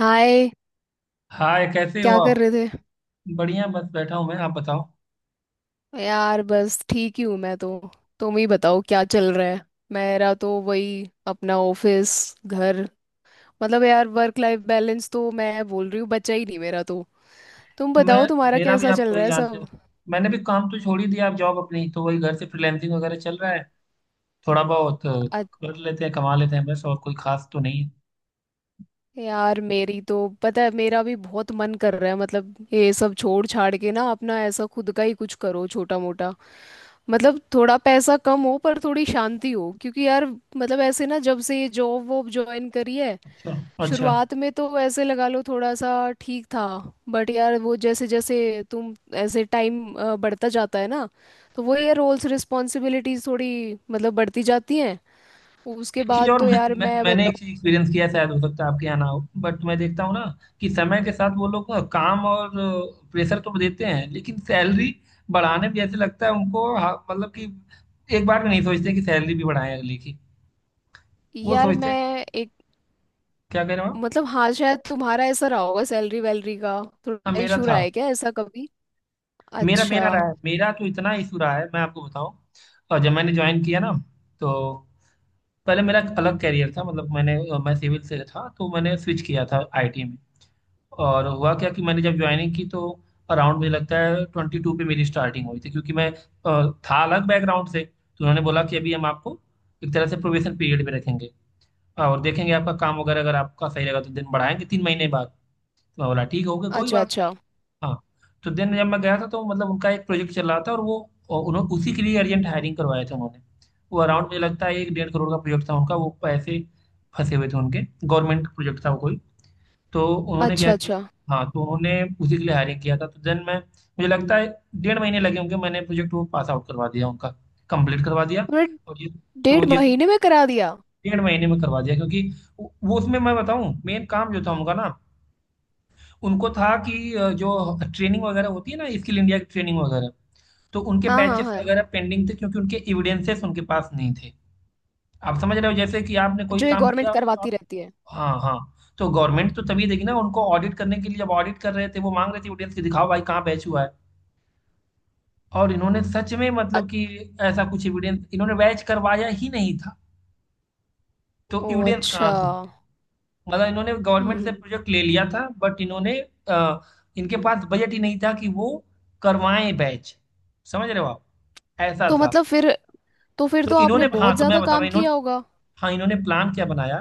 हाय। Hi, कैसे हो क्या आप। कर रहे थे? बढ़िया, बस बैठा हूँ मैं, आप बताओ। यार, बस ठीक ही हूँ मैं तो। तुम ही बताओ, क्या चल रहा है? मेरा तो वही, अपना ऑफिस, घर। मतलब यार, वर्क लाइफ बैलेंस तो मैं बोल रही हूँ बचा ही नहीं मेरा तो। तुम मैं बताओ, तुम्हारा मेरा भी कैसा आप चल रहा वही है जानते सब? हो। मैंने भी काम तो छोड़ ही दिया आप, जॉब अपनी, तो वही घर से फ्रीलैंसिंग वगैरह चल रहा है। थोड़ा बहुत अ- कर लेते हैं, कमा लेते हैं बस, और कोई खास तो नहीं है। यार, मेरी तो पता है, मेरा भी बहुत मन कर रहा है, मतलब ये सब छोड़ छाड़ के ना, अपना ऐसा खुद का ही कुछ करो, छोटा मोटा। मतलब थोड़ा पैसा कम हो पर थोड़ी शांति हो, क्योंकि यार, मतलब ऐसे ना, जब से ये जॉब वॉब ज्वाइन करी है, अच्छा, अच्छा। शुरुआत में तो ऐसे लगा लो थोड़ा सा ठीक था। बट यार वो, जैसे जैसे तुम ऐसे टाइम बढ़ता जाता है ना, तो वो ये रोल्स रिस्पॉन्सिबिलिटीज थोड़ी मतलब बढ़ती जाती हैं। उसके एक चीज बाद और तो मैं, यार मैं, मैं मैंने एक बताऊँ। चीज एक्सपीरियंस किया है, शायद हो सकता है आपके यहाँ ना हो। बट मैं देखता हूँ ना कि समय के साथ वो लोग ना काम और प्रेशर तो देते हैं, लेकिन सैलरी बढ़ाने में जैसे लगता है उनको, हाँ, मतलब कि एक बार में नहीं सोचते कि सैलरी भी बढ़ाएं अगले की। वो यार सोचते हैं। मैं एक क्या कह रहे हो आप। मतलब, हाँ, शायद तुम्हारा ऐसा रहा होगा, सैलरी वैलरी का हाँ, थोड़ा मेरा इशू रहा था। है क्या ऐसा कभी? मेरा मेरा अच्छा, रहा है, मेरा तो इतना इशू रहा है, मैं आपको बताऊं। और जब मैंने ज्वाइन किया ना तो, पहले मेरा एक अलग कैरियर था, मतलब मैं सिविल से था, तो मैंने स्विच किया था आईटी में। और हुआ क्या कि मैंने जब ज्वाइनिंग की तो अराउंड मुझे लगता है 22 पे मेरी स्टार्टिंग हुई थी, क्योंकि मैं था अलग बैकग्राउंड से, तो उन्होंने बोला कि अभी हम आपको एक तरह से प्रोबेशन पीरियड में रखेंगे और देखेंगे आपका काम वगैरह, अगर आपका सही रहेगा तो दिन बढ़ाएंगे 3 महीने बाद। मैं बोला ठीक होगा, कोई अच्छा। बात नहीं। अच्छा, हाँ। तो देन जब मैं गया था तो मतलब उनका एक प्रोजेक्ट चल रहा था, और उन्होंने उसी के लिए अर्जेंट हायरिंग करवाए थे उन्होंने। वो अराउंड मुझे लगता है 1-1.5 करोड़ का प्रोजेक्ट था उनका, वो पैसे फंसे हुए थे उनके, गवर्नमेंट प्रोजेक्ट था वो कोई। तो उन्होंने क्या अच्छा, कि, अच्छा। हाँ, तो उन्होंने उसी के लिए हायरिंग किया था, तो देन मैं मुझे लगता है 1.5 महीने लगे होंगे, मैंने प्रोजेक्ट वो पास आउट करवा दिया उनका, कंप्लीट करवा दिया। तुमने और ये, तो डेढ़ जिस महीने में करा दिया? 1.5 महीने में करवा दिया, क्योंकि वो उसमें मैं बताऊँ मेन काम जो था उनका ना, उनको था कि जो ट्रेनिंग वगैरह होती है ना, स्किल इंडिया की ट्रेनिंग वगैरह। तो उनके हाँ, हाँ, बैचेस हाँ, वगैरह पेंडिंग थे, क्योंकि उनके एविडेंसेस उनके पास नहीं थे। आप समझ रहे हो, जैसे कि आपने कोई जो ये काम गवर्नमेंट किया और करवाती आप। रहती है। हाँ, हाँ। तो गवर्नमेंट तो तभी देगी ना उनको, ऑडिट करने के लिए जब ऑडिट कर रहे थे वो मांग रहे थे एविडेंस, कि दिखाओ भाई कहाँ बैच हुआ है। और इन्होंने सच में अ- मतलब कि ऐसा कुछ एविडेंस इन्होंने बैच करवाया ही नहीं था, तो ओ, एविडेंस कहाँ अच्छा। से होंगे। मतलब इन्होंने गवर्नमेंट से हम्म। प्रोजेक्ट ले लिया था बट इन्होंने अ, इनके पास बजट ही नहीं था कि वो करवाएं बैच, समझ रहे हो आप। ऐसा तो था। मतलब फिर तो तो आपने इन्होंने, हाँ, बहुत तो मैं ज्यादा बता रहा काम हूँ इन्होंने, किया होगा। हाँ, इन्होंने प्लान क्या बनाया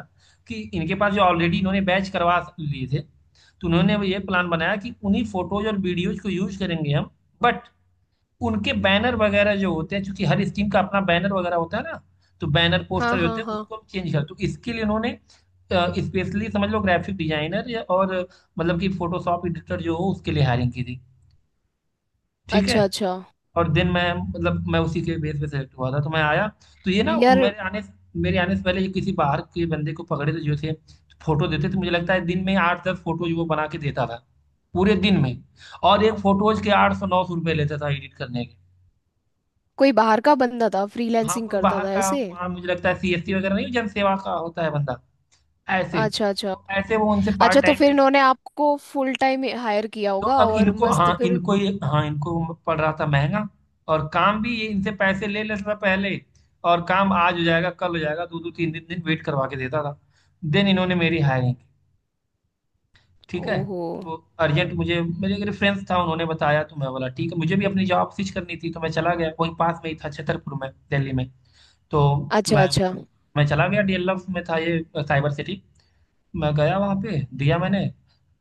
कि इनके पास जो ऑलरेडी इन्होंने बैच करवा लिए थे, तो उन्होंने ये प्लान बनाया कि उन्हीं फोटोज और वीडियोज को यूज करेंगे हम, बट उनके बैनर वगैरह जो होते हैं, क्योंकि हर स्कीम का अपना बैनर वगैरह होता है ना, तो बैनर हाँ, पोस्टर जो हाँ, होते हैं हाँ। उसको हम चेंज कर, तो इसके लिए उन्होंने स्पेशली समझ लो ग्राफिक डिजाइनर या और, मतलब कि फोटोशॉप एडिटर जो हो उसके लिए हायरिंग की थी, ठीक है। अच्छा, अच्छा। और देन मैं मतलब मैं उसी के बेस पे सेलेक्ट हुआ था, तो मैं आया। तो ये ना यार, मेरे आने से पहले ये किसी बाहर के बंदे को पकड़े थे जो थे, फोटो देते थे, मुझे लगता है दिन में 8-10 फोटो जो वो बना के देता था पूरे दिन में, और एक फोटोज के 800-900 रुपये लेता था एडिट करने के। कोई बाहर का बंदा था, हाँ, फ्रीलैंसिंग कोई करता बाहर था का, ऐसे? हाँ, मुझे लगता है सीएससी वगैरह, नहीं, जन सेवा का होता है बंदा, ऐसे। अच्छा, अच्छा, तो ऐसे वो उनसे अच्छा। पार्ट तो टाइम फिर पे। इन्होंने आपको फुल टाइम हायर किया तो होगा अब और इनको, हाँ, मस्त फिर। इनको ये, हाँ, इनको पड़ रहा था महंगा, और काम भी ये इनसे पैसे ले लेता था पहले, और काम आज हो जाएगा कल हो जाएगा, दो दो तीन दिन दिन वेट करवा के देता था। देन इन्होंने मेरी हायरिंग की, ठीक है। ओहो। तो अर्जेंट, मुझे मेरे एक रेफरेंस था, उन्होंने बताया, तो मैं बोला ठीक है, मुझे भी अपनी जॉब स्विच करनी थी, तो मैं चला गया वहीं पास में ही था छतरपुर में, दिल्ली में। तो अच्छा, मैं अच्छा। मैं चला गया डीएलएफ में था ये, साइबर सिटी। मैं गया वहां पे, दिया मैंने,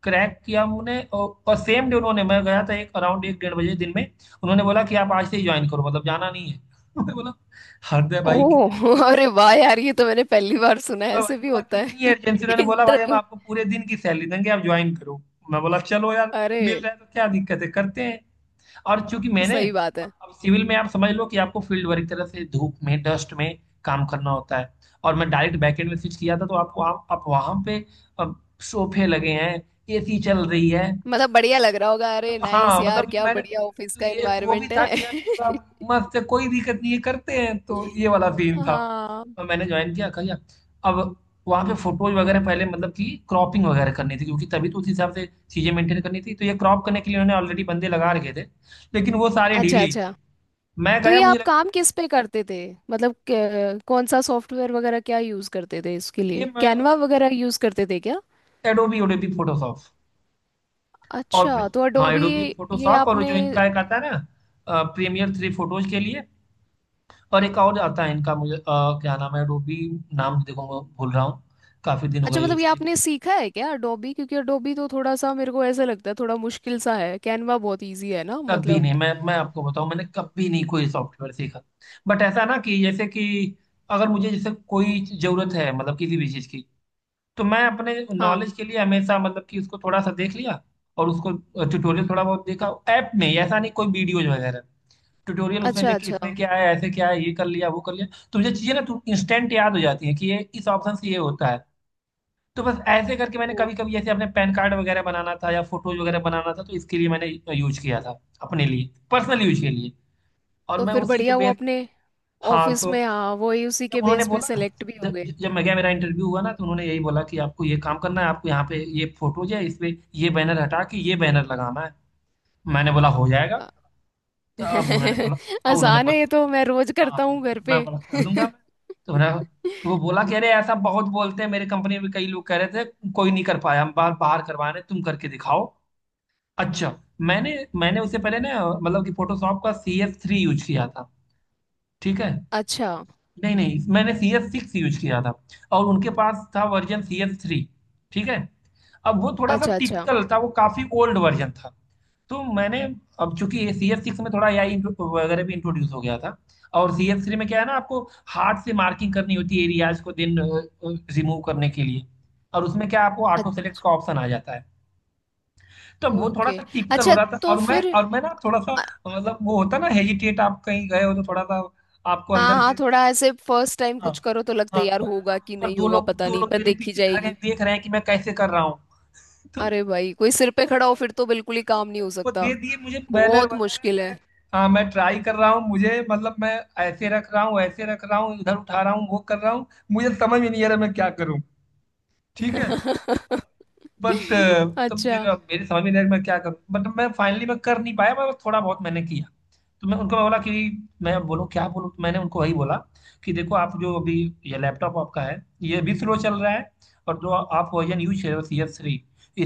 क्रैक किया उन्होंने, और सेम डे उन्होंने, मैं गया था एक अराउंड 1-1:30 बजे दिन में, उन्होंने बोला कि आप आज से ही ज्वाइन करो, मतलब जाना नहीं है। मैं बोला, हरदय भाई कितनी, ओह! अरे वाह यार, ये तो मैंने पहली बार सुना है, मैं ऐसे भाई भी बोला होता कितनी है अर्जेंसी। उन्होंने बोला, भाई हम इंटरव्यू। आपको पूरे दिन की सैलरी देंगे, आप ज्वाइन करो। मैं बोला चलो यार, अरे, मिल रहा है तो क्या दिक्कत है, करते हैं। और चूंकि मैंने, सही बात अब, है। अब सिविल में आप समझ लो कि आपको फील्ड वर्क तरह से धूप में, डस्ट में काम करना होता है, और मैं डायरेक्ट बैकएंड में स्विच किया था, तो आपको आप वहां पे अब सोफे लगे हैं, एसी चल रही है। मतलब बढ़िया लग रहा होगा, तो अरे नाइस हाँ, यार, मतलब क्या मैंने बढ़िया ऑफिस तो का ये एक वो भी एनवायरनमेंट था कि यार है। पूरा मस्त है, कोई दिक्कत नहीं है, करते हैं, तो ये वाला सीन था। हाँ। और मैंने ज्वाइन किया, कर लिया। अब वहाँ पे फोटोज वगैरह पहले, मतलब कि क्रॉपिंग वगैरह करनी थी, क्योंकि तभी तो उस हिसाब से चीज़ें मेंटेन करनी थी, तो ये क्रॉप करने के लिए उन्होंने ऑलरेडी बंदे लगा रखे थे, लेकिन वो सारे अच्छा, ढीले ही थे। अच्छा। मैं तो ये गया मुझे आप लगता काम किस पे करते थे? मतलब कौन सा सॉफ्टवेयर वगैरह क्या यूज़ करते थे इसके है, ये लिए, मैं कैनवा वगैरह यूज़ करते थे क्या? Adobe Adobe Photoshop. और फिर- अच्छा, तो हाँ, अडोबी। एडोबी ये फोटोशॉप, और आपने जो इनका एक आता है ना, प्रीमियर थ्री फोटोज के लिए। और एक और आता है इनका, मुझे क्या नाम है, रूबी। नाम देखो मैं भूल रहा हूँ, काफी दिन हो अच्छा, गए मतलब यूज ये किए। आपने सीखा है क्या अडोबी? क्योंकि अडोबी तो थोड़ा सा मेरे को ऐसा लगता है थोड़ा मुश्किल सा है, कैनवा बहुत इजी है ना कभी मतलब। नहीं, मैं आपको बताऊं, मैंने कभी नहीं कोई सॉफ्टवेयर सीखा, बट ऐसा ना कि जैसे कि अगर मुझे जैसे कोई जरूरत है, मतलब किसी भी चीज की, तो मैं अपने हाँ। नॉलेज के लिए हमेशा मतलब कि उसको थोड़ा सा देख लिया, और उसको ट्यूटोरियल थोड़ा बहुत देखा, ऐप में, ऐसा नहीं कोई वीडियोज वगैरह, ट्यूटोरियल उसमें अच्छा, देख के अच्छा। इसमें क्या है ऐसे क्या है, ये कर लिया वो कर लिया। तो मुझे चीजें ना इंस्टेंट याद हो जाती है कि ये इस ऑप्शन से ये होता है, तो बस ऐसे करके मैंने ओ, कभी कभी, जैसे अपने पैन कार्ड वगैरह बनाना था या फोटोज वगैरह बनाना था, तो इसके लिए मैंने यूज किया था, अपने लिए पर्सनल यूज के लिए। और तो मैं फिर उसी के बढ़िया, वो बेस, अपने हाँ, ऑफिस तो में, हाँ वही, उसी जब के उन्होंने बेस पे बोला, सेलेक्ट भी हो जब गए। जब मैं गया मेरा इंटरव्यू हुआ ना, तो उन्होंने यही बोला कि आपको ये काम करना है, आपको यहाँ पे ये फोटोज है, इस पे ये बैनर हटा के ये बैनर लगाना है। मैंने बोला हो जाएगा। आ- तो अब उन्होंने बोला अब उन्होंने आसान है, ये तो बोला मैं रोज हाँ, करता हूँ घर पे। मैं बोला कर दूंगा मैं। तो उन्होंने, तो वो बोला कि अरे ऐसा बहुत बोलते हैं, मेरे कंपनी में कई लोग कह रहे थे, कोई नहीं कर पाया, हम बाहर बाहर करवाने, तुम करके दिखाओ, अच्छा। मैंने मैंने उससे पहले ना, मतलब कि फोटोशॉप का CS3 यूज किया था, ठीक है, अच्छा, नहीं, नहीं, मैंने CS6 यूज किया था, और उनके पास था वर्जन CS3, ठीक है। अब वो थोड़ा सा अच्छा, अच्छा। टिपिकल था, वो काफी ओल्ड वर्जन था, तो मैंने, अब चूंकि CS6 में थोड़ा ए आई वगैरह भी इंट्रोड्यूस हो गया था, और CS3 में क्या है ना, आपको हार्ड से मार्किंग करनी होती है एरियाज को दिन रिमूव करने के लिए, और उसमें क्या आपको अच- ऑटो सेलेक्ट का ऑप्शन आ जाता है। तो वो थोड़ा ओके। सा टिपिकल हो अच्छा, रहा था, तो और मैं फिर। और मैं ना थोड़ा सा, अ- मतलब वो होता ना हेजिटेट, आप कहीं गए हो तो थोड़ा सा आपको हाँ, अंदर हाँ, से, थोड़ा ऐसे फर्स्ट टाइम हाँ, कुछ करो तो लगता हाँ। है यार, तो ऐसा, होगा कि पर नहीं होगा पता दो नहीं, लोग पर मेरे देखी पीछे खड़े हैं, जाएगी। देख रहे हैं कि मैं कैसे कर रहा हूँ, तो, अरे भाई, कोई सिर पे तो खड़ा हो मैं फिर तो बिल्कुल ही तो वो, काम नहीं हो वो सकता, दे दिए मुझे बैनर बहुत वगैरह मुश्किल मैं, है। हाँ मैं ट्राई कर रहा हूँ मुझे, मतलब मैं ऐसे रख रहा हूँ ऐसे रख रहा हूँ, इधर उठा रहा हूँ वो कर रहा हूँ, मुझे समझ में नहीं आ रहा मैं क्या करूँ, ठीक है, बट। तो फिर अच्छा, मेरे समझ में नहीं आया कि मैं क्या करूँ, बट मैं फाइनली मैं कर नहीं पाया, मैं थोड़ा बहुत मैंने किया, तो मैं उनको बोला कि, मैं बोलूँ क्या बोलूँ, तो मैंने उनको वही बोला कि देखो आप जो अभी ये लैपटॉप आपका है, ये भी स्लो चल रहा है, और जो आप वर्जन यूज कर रहे हो CS3,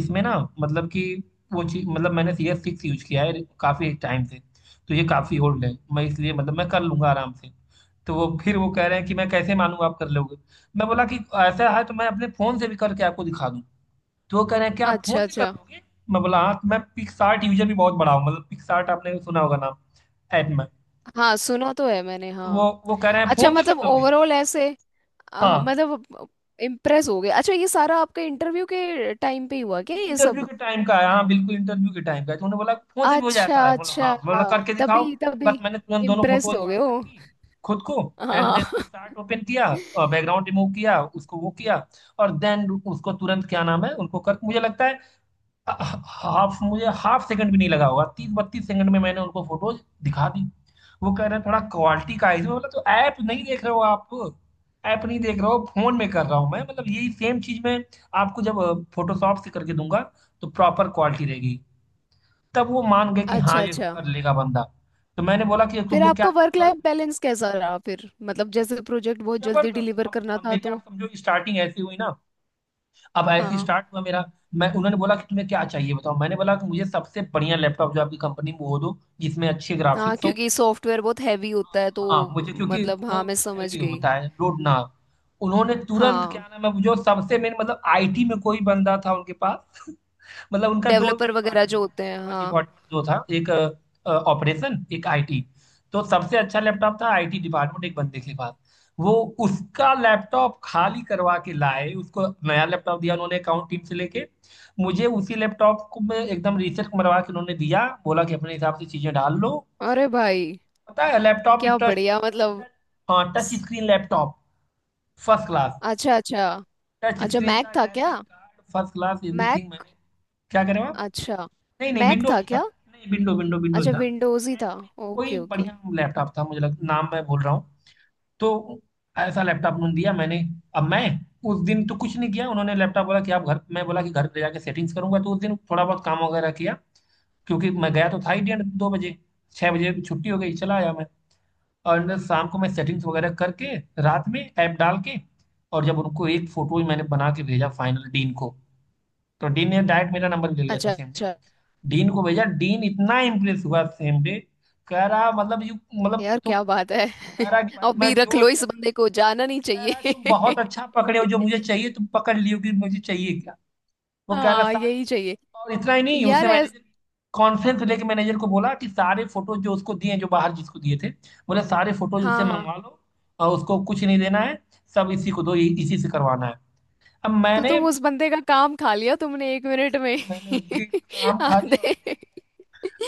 इसमें ना मतलब कि वो चीज, मतलब मैंने CS6 यूज किया है काफ़ी टाइम से, तो ये काफ़ी ओल्ड है, मैं इसलिए मतलब मैं कर लूंगा आराम से। तो वो फिर वो कह रहे हैं कि मैं कैसे मानूँ आप कर लोगे। मैं बोला कि ऐसा है तो मैं अपने फ़ोन से भी करके आपको दिखा दूँ। तो वो कह रहे हैं कि आप फोन अच्छा, से कर अच्छा। लोगे। मैं बोला हाँ, तो मैं पिक्सार्ट यूजर भी बहुत बड़ा हूँ। मतलब पिक्सार्ट आपने सुना होगा नाम, ऐप में। हाँ, सुना तो है मैंने, तो हाँ। वो कह रहे हैं अच्छा, फोन से कर मतलब दोगे। ओवरऑल ऐसे, हाँ, हाँ, मतलब इम्प्रेस हो गए। अच्छा, ये सारा आपका इंटरव्यू के टाइम पे ही हुआ क्या ये ये इंटरव्यू सब? के टाइम का है, हाँ बिल्कुल इंटरव्यू के टाइम का है। तो उन्होंने बोला फोन से भी हो अच्छा, जाता है, बोला हाँ, अच्छा। बोला करके दिखाओ। तभी, तभी बस मैंने तुरंत दोनों इम्प्रेस फोटोज हो गए व्हाट्सएप हो। की खुद को। एंड हाँ। देन पिक्सार्ट ओपन किया और बैकग्राउंड रिमूव किया उसको, वो किया और देन उसको तुरंत, क्या नाम है उनको, कर मुझे लगता है हाफ, मुझे हाफ सेकंड भी नहीं लगा होगा, 30 32 सेकंड में मैंने उनको फोटोज दिखा दी। वो कह रहे हैं थोड़ा क्वालिटी का इशू, बोला तो ऐप नहीं देख रहे हो आप, ऐप नहीं देख रहे हो, फोन में कर रहा हूँ मैं। मतलब यही सेम चीज मैं आपको जब फोटोशॉप से करके दूंगा तो प्रॉपर क्वालिटी रहेगी। तब वो मान गए कि हाँ, अच्छा, ये अच्छा। कर लेगा बंदा। तो मैंने बोला कि फिर तुमको क्या आपका चाहिए, वर्क उन्होंने लाइफ बैलेंस कैसा रहा फिर? मतलब जैसे प्रोजेक्ट बहुत जल्दी जबरदस्त, डिलीवर अब करना अब था मेरी तो। आप समझो स्टार्टिंग ऐसी हुई ना, अब ऐसे ही हाँ, स्टार्ट हुआ मेरा। मैं, उन्होंने बोला कि तुम्हें क्या चाहिए बताओ, मैंने बोला कि मुझे सबसे बढ़िया लैपटॉप जो आपकी कंपनी में वो दो जिसमें अच्छे हाँ, ग्राफिक्स हों। क्योंकि सॉफ्टवेयर बहुत हैवी होता है तो। हाँ मुझे क्योंकि मतलब वो हाँ, मैं समझ हैवी गई। होता है लोड ना। उन्होंने तुरंत, हाँ, क्या नाम है वो, जो सबसे मेन मतलब आईटी में कोई बंदा था उनके पास। मतलब उनका दो डेवलपर वगैरह डिपार्टमेंट जो था, होते हैं, उनके पास हाँ। डिपार्टमेंट दो था, एक ऑपरेशन एक आईटी। तो सबसे अच्छा लैपटॉप था आईटी डिपार्टमेंट एक बंदे के पास। वो उसका लैपटॉप खाली करवा के लाए, उसको नया लैपटॉप दिया उन्होंने अकाउंट टीम से लेके, मुझे उसी लैपटॉप को में एकदम रिसेट मरवा के उन्होंने दिया, बोला कि अपने हिसाब से चीजें डाल लो। अरे और भाई, पता है लैपटॉप भी क्या टच, बढ़िया मतलब। हाँ टच स- स्क्रीन लैपटॉप, फर्स्ट क्लास। अच्छा, अच्छा, टच अच्छा। स्क्रीन मैक था, था क्या? Graphic card first class, everything. Mac? मैंने क्या करें आप। अच्छा, नहीं नहीं, मैक विंडोज था ही था, क्या? नहीं विंडो विंडो विंडोज अच्छा, ही था। विंडोज ही था। एचपी का कोई ओके, ओके। बढ़िया लैपटॉप था, मुझे लग, नाम मैं भूल रहा हूँ। तो ऐसा लैपटॉप उन्होंने दिया। मैंने, अब मैं, उस दिन तो कुछ नहीं किया, उन्होंने लैपटॉप बोला कि आप घर, मैं बोला कि घर ले जाके सेटिंग्स करूंगा, तो उस दिन थोड़ा बहुत काम वगैरह किया, क्योंकि मैं गया तो था ही 1:30 2 बजे। 6 बजे छुट्टी हो गई चला आया मैं। और शाम को मैं सेटिंग्स वगैरह करके रात में ऐप डाल के, और जब उनको एक फोटो मैंने बना के भेजा, फाइनल डीन को, तो डीन ने डायरेक्ट मेरा नंबर ले लिया अच्छा, था सेम। अच्छा। डीन को भेजा, डीन इतना इम्प्रेस हुआ सेम डे। कह रहा मतलब यू, मतलब यार तुम, क्या बात कह है! रहा कि भाई मैं अभी रख जो लो इस बंदे को, जाना नहीं कह रहा तुम चाहिए। बहुत अच्छा पकड़े हो, जो मुझे चाहिए तुम पकड़ लियो कि मुझे चाहिए क्या। वो कह रहा हाँ, सारे, यही चाहिए। और इतना ही नहीं, यार उसने ऐस मैनेजर कॉन्फ्रेंस लेके मैनेजर को बोला कि सारे फोटो जो उसको दिए, जो बाहर जिसको दिए थे, बोले सारे फोटो उससे हाँ, हाँ। मंगवा लो और उसको कुछ नहीं देना है, सब इसी को दो, इसी से करवाना है। अब तो मैंने, तुम उस बंदे का काम खा लिया तुमने एक मिनट में। मैंने उसके काम खा लिया और आधे,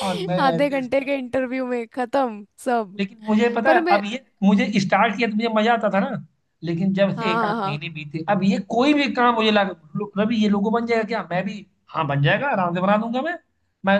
और मैं आधे ऐसे घंटे start। के इंटरव्यू में खत्म सब। लेकिन मुझे पता पर है मैं अब ये, मुझे स्टार्ट किया तो मुझे मजा आता था ना। लेकिन जब से हाँ, एक हाँ, आध हाँ, महीने बीते, अब ये कोई भी काम मुझे लगा, रवि ये लोगो बन जाएगा क्या, मैं भी हाँ बन जाएगा आराम से बना दूंगा मैं। मैं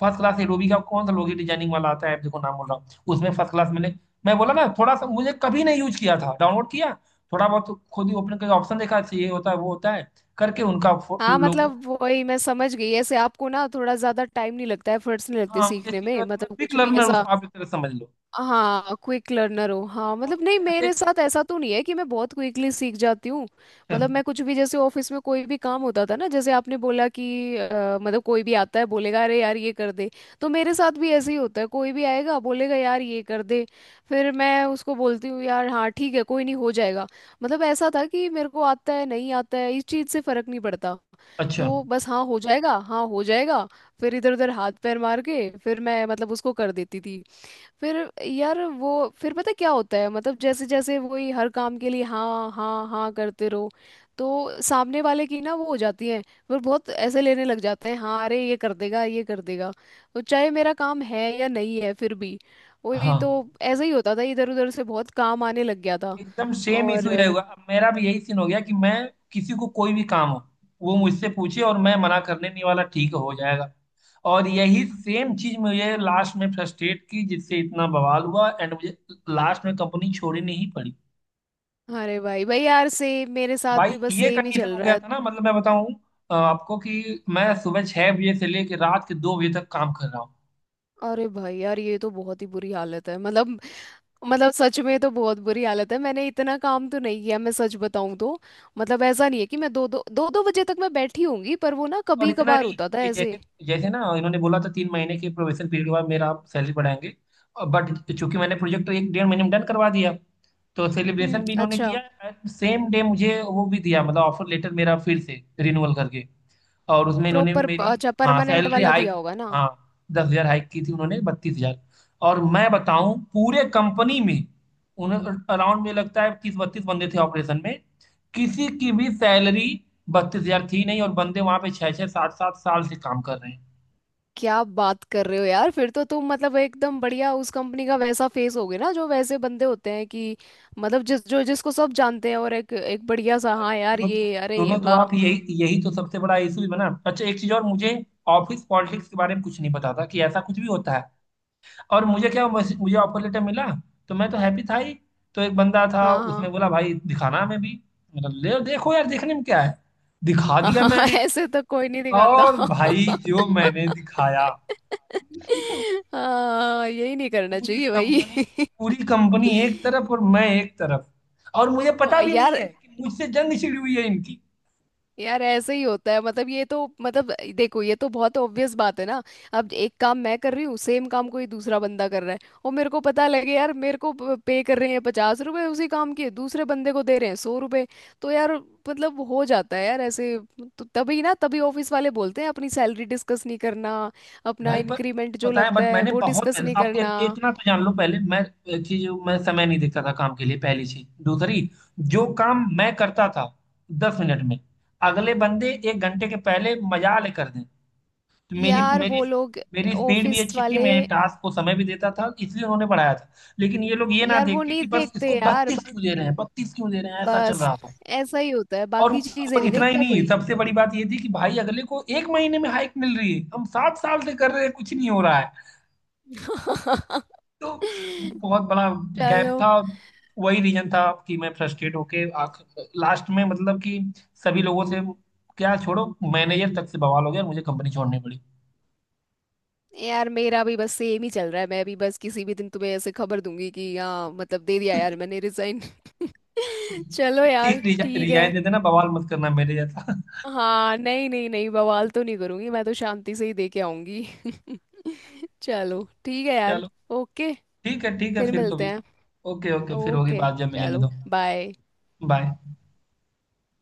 फर्स्ट क्लास, एडोबी का कौन सा लोगो डिजाइनिंग वाला आता है, देखो नाम बोल रहा हूँ, उसमें फर्स्ट क्लास मैंने, मैं बोला ना, थोड़ा सा मुझे कभी नहीं यूज किया था, डाउनलोड किया थोड़ा बहुत खुद ही ओपन करके ऑप्शन देखा, अच्छा ये होता है वो होता है करके उनका हाँ। लोगो। मतलब वही मैं समझ गई, ऐसे आपको ना थोड़ा ज्यादा टाइम नहीं लगता है, एफर्ट्स नहीं लगते हाँ मुझे सीखने चीजें, में, मैं मतलब क्विक कुछ भी लर्नर उस ऐसा। आप एक तरह से समझ लो। हाँ, क्विक लर्नर हो, हाँ। अब मतलब नहीं, ऐसे मेरे साथ ऐसा तो नहीं है कि मैं बहुत क्विकली सीख जाती हूँ। मतलब मैं कुछ भी जैसे ऑफिस में कोई भी काम होता था ना, जैसे आपने बोला कि मतलब कोई भी आता है बोलेगा अरे यार, ये कर दे। तो मेरे साथ भी ऐसे ही होता है, कोई भी आएगा बोलेगा यार, ये कर दे। फिर मैं उसको बोलती हूँ, यार हाँ ठीक है, कोई नहीं, हो जाएगा। मतलब ऐसा था कि मेरे को आता है नहीं आता है, इस चीज़ से फर्क नहीं पड़ता। अच्छा। तो बस हाँ हो जाएगा, हाँ हो जाएगा। फिर इधर उधर हाथ पैर मार के फिर मैं मतलब उसको कर देती थी। फिर यार वो, फिर पता क्या होता है, मतलब जैसे जैसे वही हर काम के लिए हाँ, हाँ, हाँ करते रहो। तो सामने वाले की ना वो हो जाती है, फिर बहुत ऐसे लेने लग जाते हैं हाँ, अरे ये कर देगा, ये कर देगा। तो चाहे मेरा काम है या नहीं है फिर भी, वही हाँ तो ऐसे ही होता था, इधर उधर से बहुत काम आने लग गया था। एकदम सेम और, इशू यही हुआ, अब मेरा भी यही सीन हो गया कि मैं किसी को कोई भी काम हो, वो मुझसे पूछे और मैं मना करने नहीं वाला, ठीक है, हो जाएगा। और यही सेम चीज मुझे लास्ट में फ्रस्ट्रेट की, जिससे इतना बवाल हुआ एंड मुझे लास्ट में कंपनी छोड़नी ही पड़ी। अरे भाई भाई यार, सेम मेरे साथ भाई भी बस ये सेम ही कंडीशन चल हो रहा गया है। था ना, मतलब मैं बताऊं आपको कि मैं सुबह 6 बजे से लेकर रात के 2 बजे तक काम कर रहा हूँ। अरे भाई यार, ये तो बहुत ही बुरी हालत है मतलब सच में तो बहुत बुरी हालत है। मैंने इतना काम तो नहीं किया, मैं सच बताऊं तो। मतलब ऐसा नहीं है कि मैं दो, दो, दो, दो बजे तक मैं बैठी होंगी, पर वो ना और कभी इतना कभार नहीं, होता था ये जैसे, ऐसे। जैसे ना इन्होंने बोला था 3 महीने के प्रोबेशन पीरियड के बाद मेरा आप सैलरी बढ़ाएंगे। बट चूंकि मैंने प्रोजेक्ट एक 1.5 महीने में डन करवा दिया, तो हम्म, सेलिब्रेशन भी इन्होंने अच्छा। किया एंड सेम डे मुझे वो भी दिया, मतलब ऑफर लेटर मेरा फिर से रिन्यूअल करके। और उसमें इन्होंने प्रॉपर, मेरी, अच्छा, हाँ परमानेंट सैलरी वाला हाइक, दिया होगा ना। हाँ, 10,000 हाइक की थी उन्होंने, 32,000। और मैं बताऊं पूरे कंपनी में उन्हें, अराउंड में लगता है 30 32 बंदे थे ऑपरेशन में, किसी की भी सैलरी 32,000 थी नहीं, और बंदे वहां पे 6 6 7 7 साल से काम कर रहे हैं। क्या बात कर रहे हो यार, फिर तो तुम मतलब एकदम बढ़िया उस कंपनी का वैसा फेस होगे ना, जो वैसे बंदे होते हैं कि, मतलब जिसको सब जानते हैं, और एक एक बढ़िया सा, अरे हाँ यार ये, अरे सुनो ये, तो वाह। आप, यही यही तो सबसे बड़ा इशू भी बना। अच्छा एक चीज और, मुझे ऑफिस पॉलिटिक्स के बारे में कुछ नहीं पता था कि ऐसा कुछ भी होता है। और मुझे क्या मुझे ऑफर लेटर मिला तो मैं तो हैप्पी था ही, तो एक बंदा था हाँ, उसने हाँ। बोला भाई दिखाना हमें भी, मतलब ले देखो यार देखने में क्या है, दिखा हाँ, दिया हाँ, मैंने। ऐसे तो कोई नहीं दिखाता। और भाई जो मैंने दिखाया हाँ, यही नहीं करना पूरी चाहिए कंपनी, भाई। पूरी कंपनी एक तरफ और मैं एक तरफ, और मुझे ओ, पता भी नहीं यार है कि मुझसे जंग छिड़ी हुई है इनकी। यार, ऐसे ही होता है मतलब, ये तो मतलब, देखो ये तो बहुत ऑब्वियस बात है ना। अब एक काम मैं कर रही हूँ, सेम काम कोई दूसरा बंदा कर रहा है, और मेरे को पता लगे यार, मेरे को पे कर रहे हैं 50 रुपए, उसी काम के दूसरे बंदे को दे रहे हैं 100 रुपए। तो यार, मतलब हो जाता है यार ऐसे। तो तभी ना, तभी ऑफिस वाले बोलते हैं अपनी सैलरी डिस्कस नहीं करना, अपना भाई पर इंक्रीमेंट जो पता है, लगता बट है मैंने वो बहुत डिस्कस मेहनत, नहीं आप करना। इतना तो जान लो, पहले मैं एक चीज मैं समय नहीं देखता था काम के लिए पहली चीज। दूसरी, जो काम मैं करता था 10 मिनट में, अगले बंदे 1 घंटे के पहले मजा ले कर दें। तो मेरी यार मेरी वो लोग, मेरी स्पीड भी ऑफिस अच्छी थी, वाले मैं टास्क को समय भी देता था, इसलिए उन्होंने बढ़ाया था। लेकिन ये लोग ये ना यार, देख वो के नहीं कि बस देखते इसको यार। बत्तीस क्यों दे रहे हैं 32 क्यों दे रहे हैं, ऐसा चल बस रहा था। ऐसा ही होता है, और बाकी चीजें और नहीं इतना ही देखता नहीं, कोई। सबसे बड़ी बात ये थी कि भाई अगले को 1 महीने में हाइक मिल रही है, हम 7 साल से कर रहे हैं कुछ नहीं हो रहा है। तो बहुत बड़ा गैप चलो था। वही रीजन था कि मैं फ्रस्ट्रेट होके आख, लास्ट में मतलब कि सभी लोगों से, क्या छोड़ो, मैनेजर तक से बवाल हो गया, मुझे कंपनी छोड़नी पड़ी। यार, मेरा भी बस सेम ही चल रहा है, मैं भी बस किसी भी दिन तुम्हें ऐसे खबर दूंगी कि हाँ, मतलब दे दिया यार मैंने रिजाइन। चलो यार ठीक है। रिजाइन दे देना बवाल मत करना मेरे जैसा हाँ, नहीं, नहीं, नहीं, बवाल तो नहीं करूंगी, मैं तो शांति से ही दे के आऊंगी। चलो ठीक है यार। चलो ओके। ठीक है, ठीक है फिर फिर मिलते कभी। हैं। ओके ओके, फिर होगी ओके, बात जब मिलेंगे चलो, तो। बाय। बाय।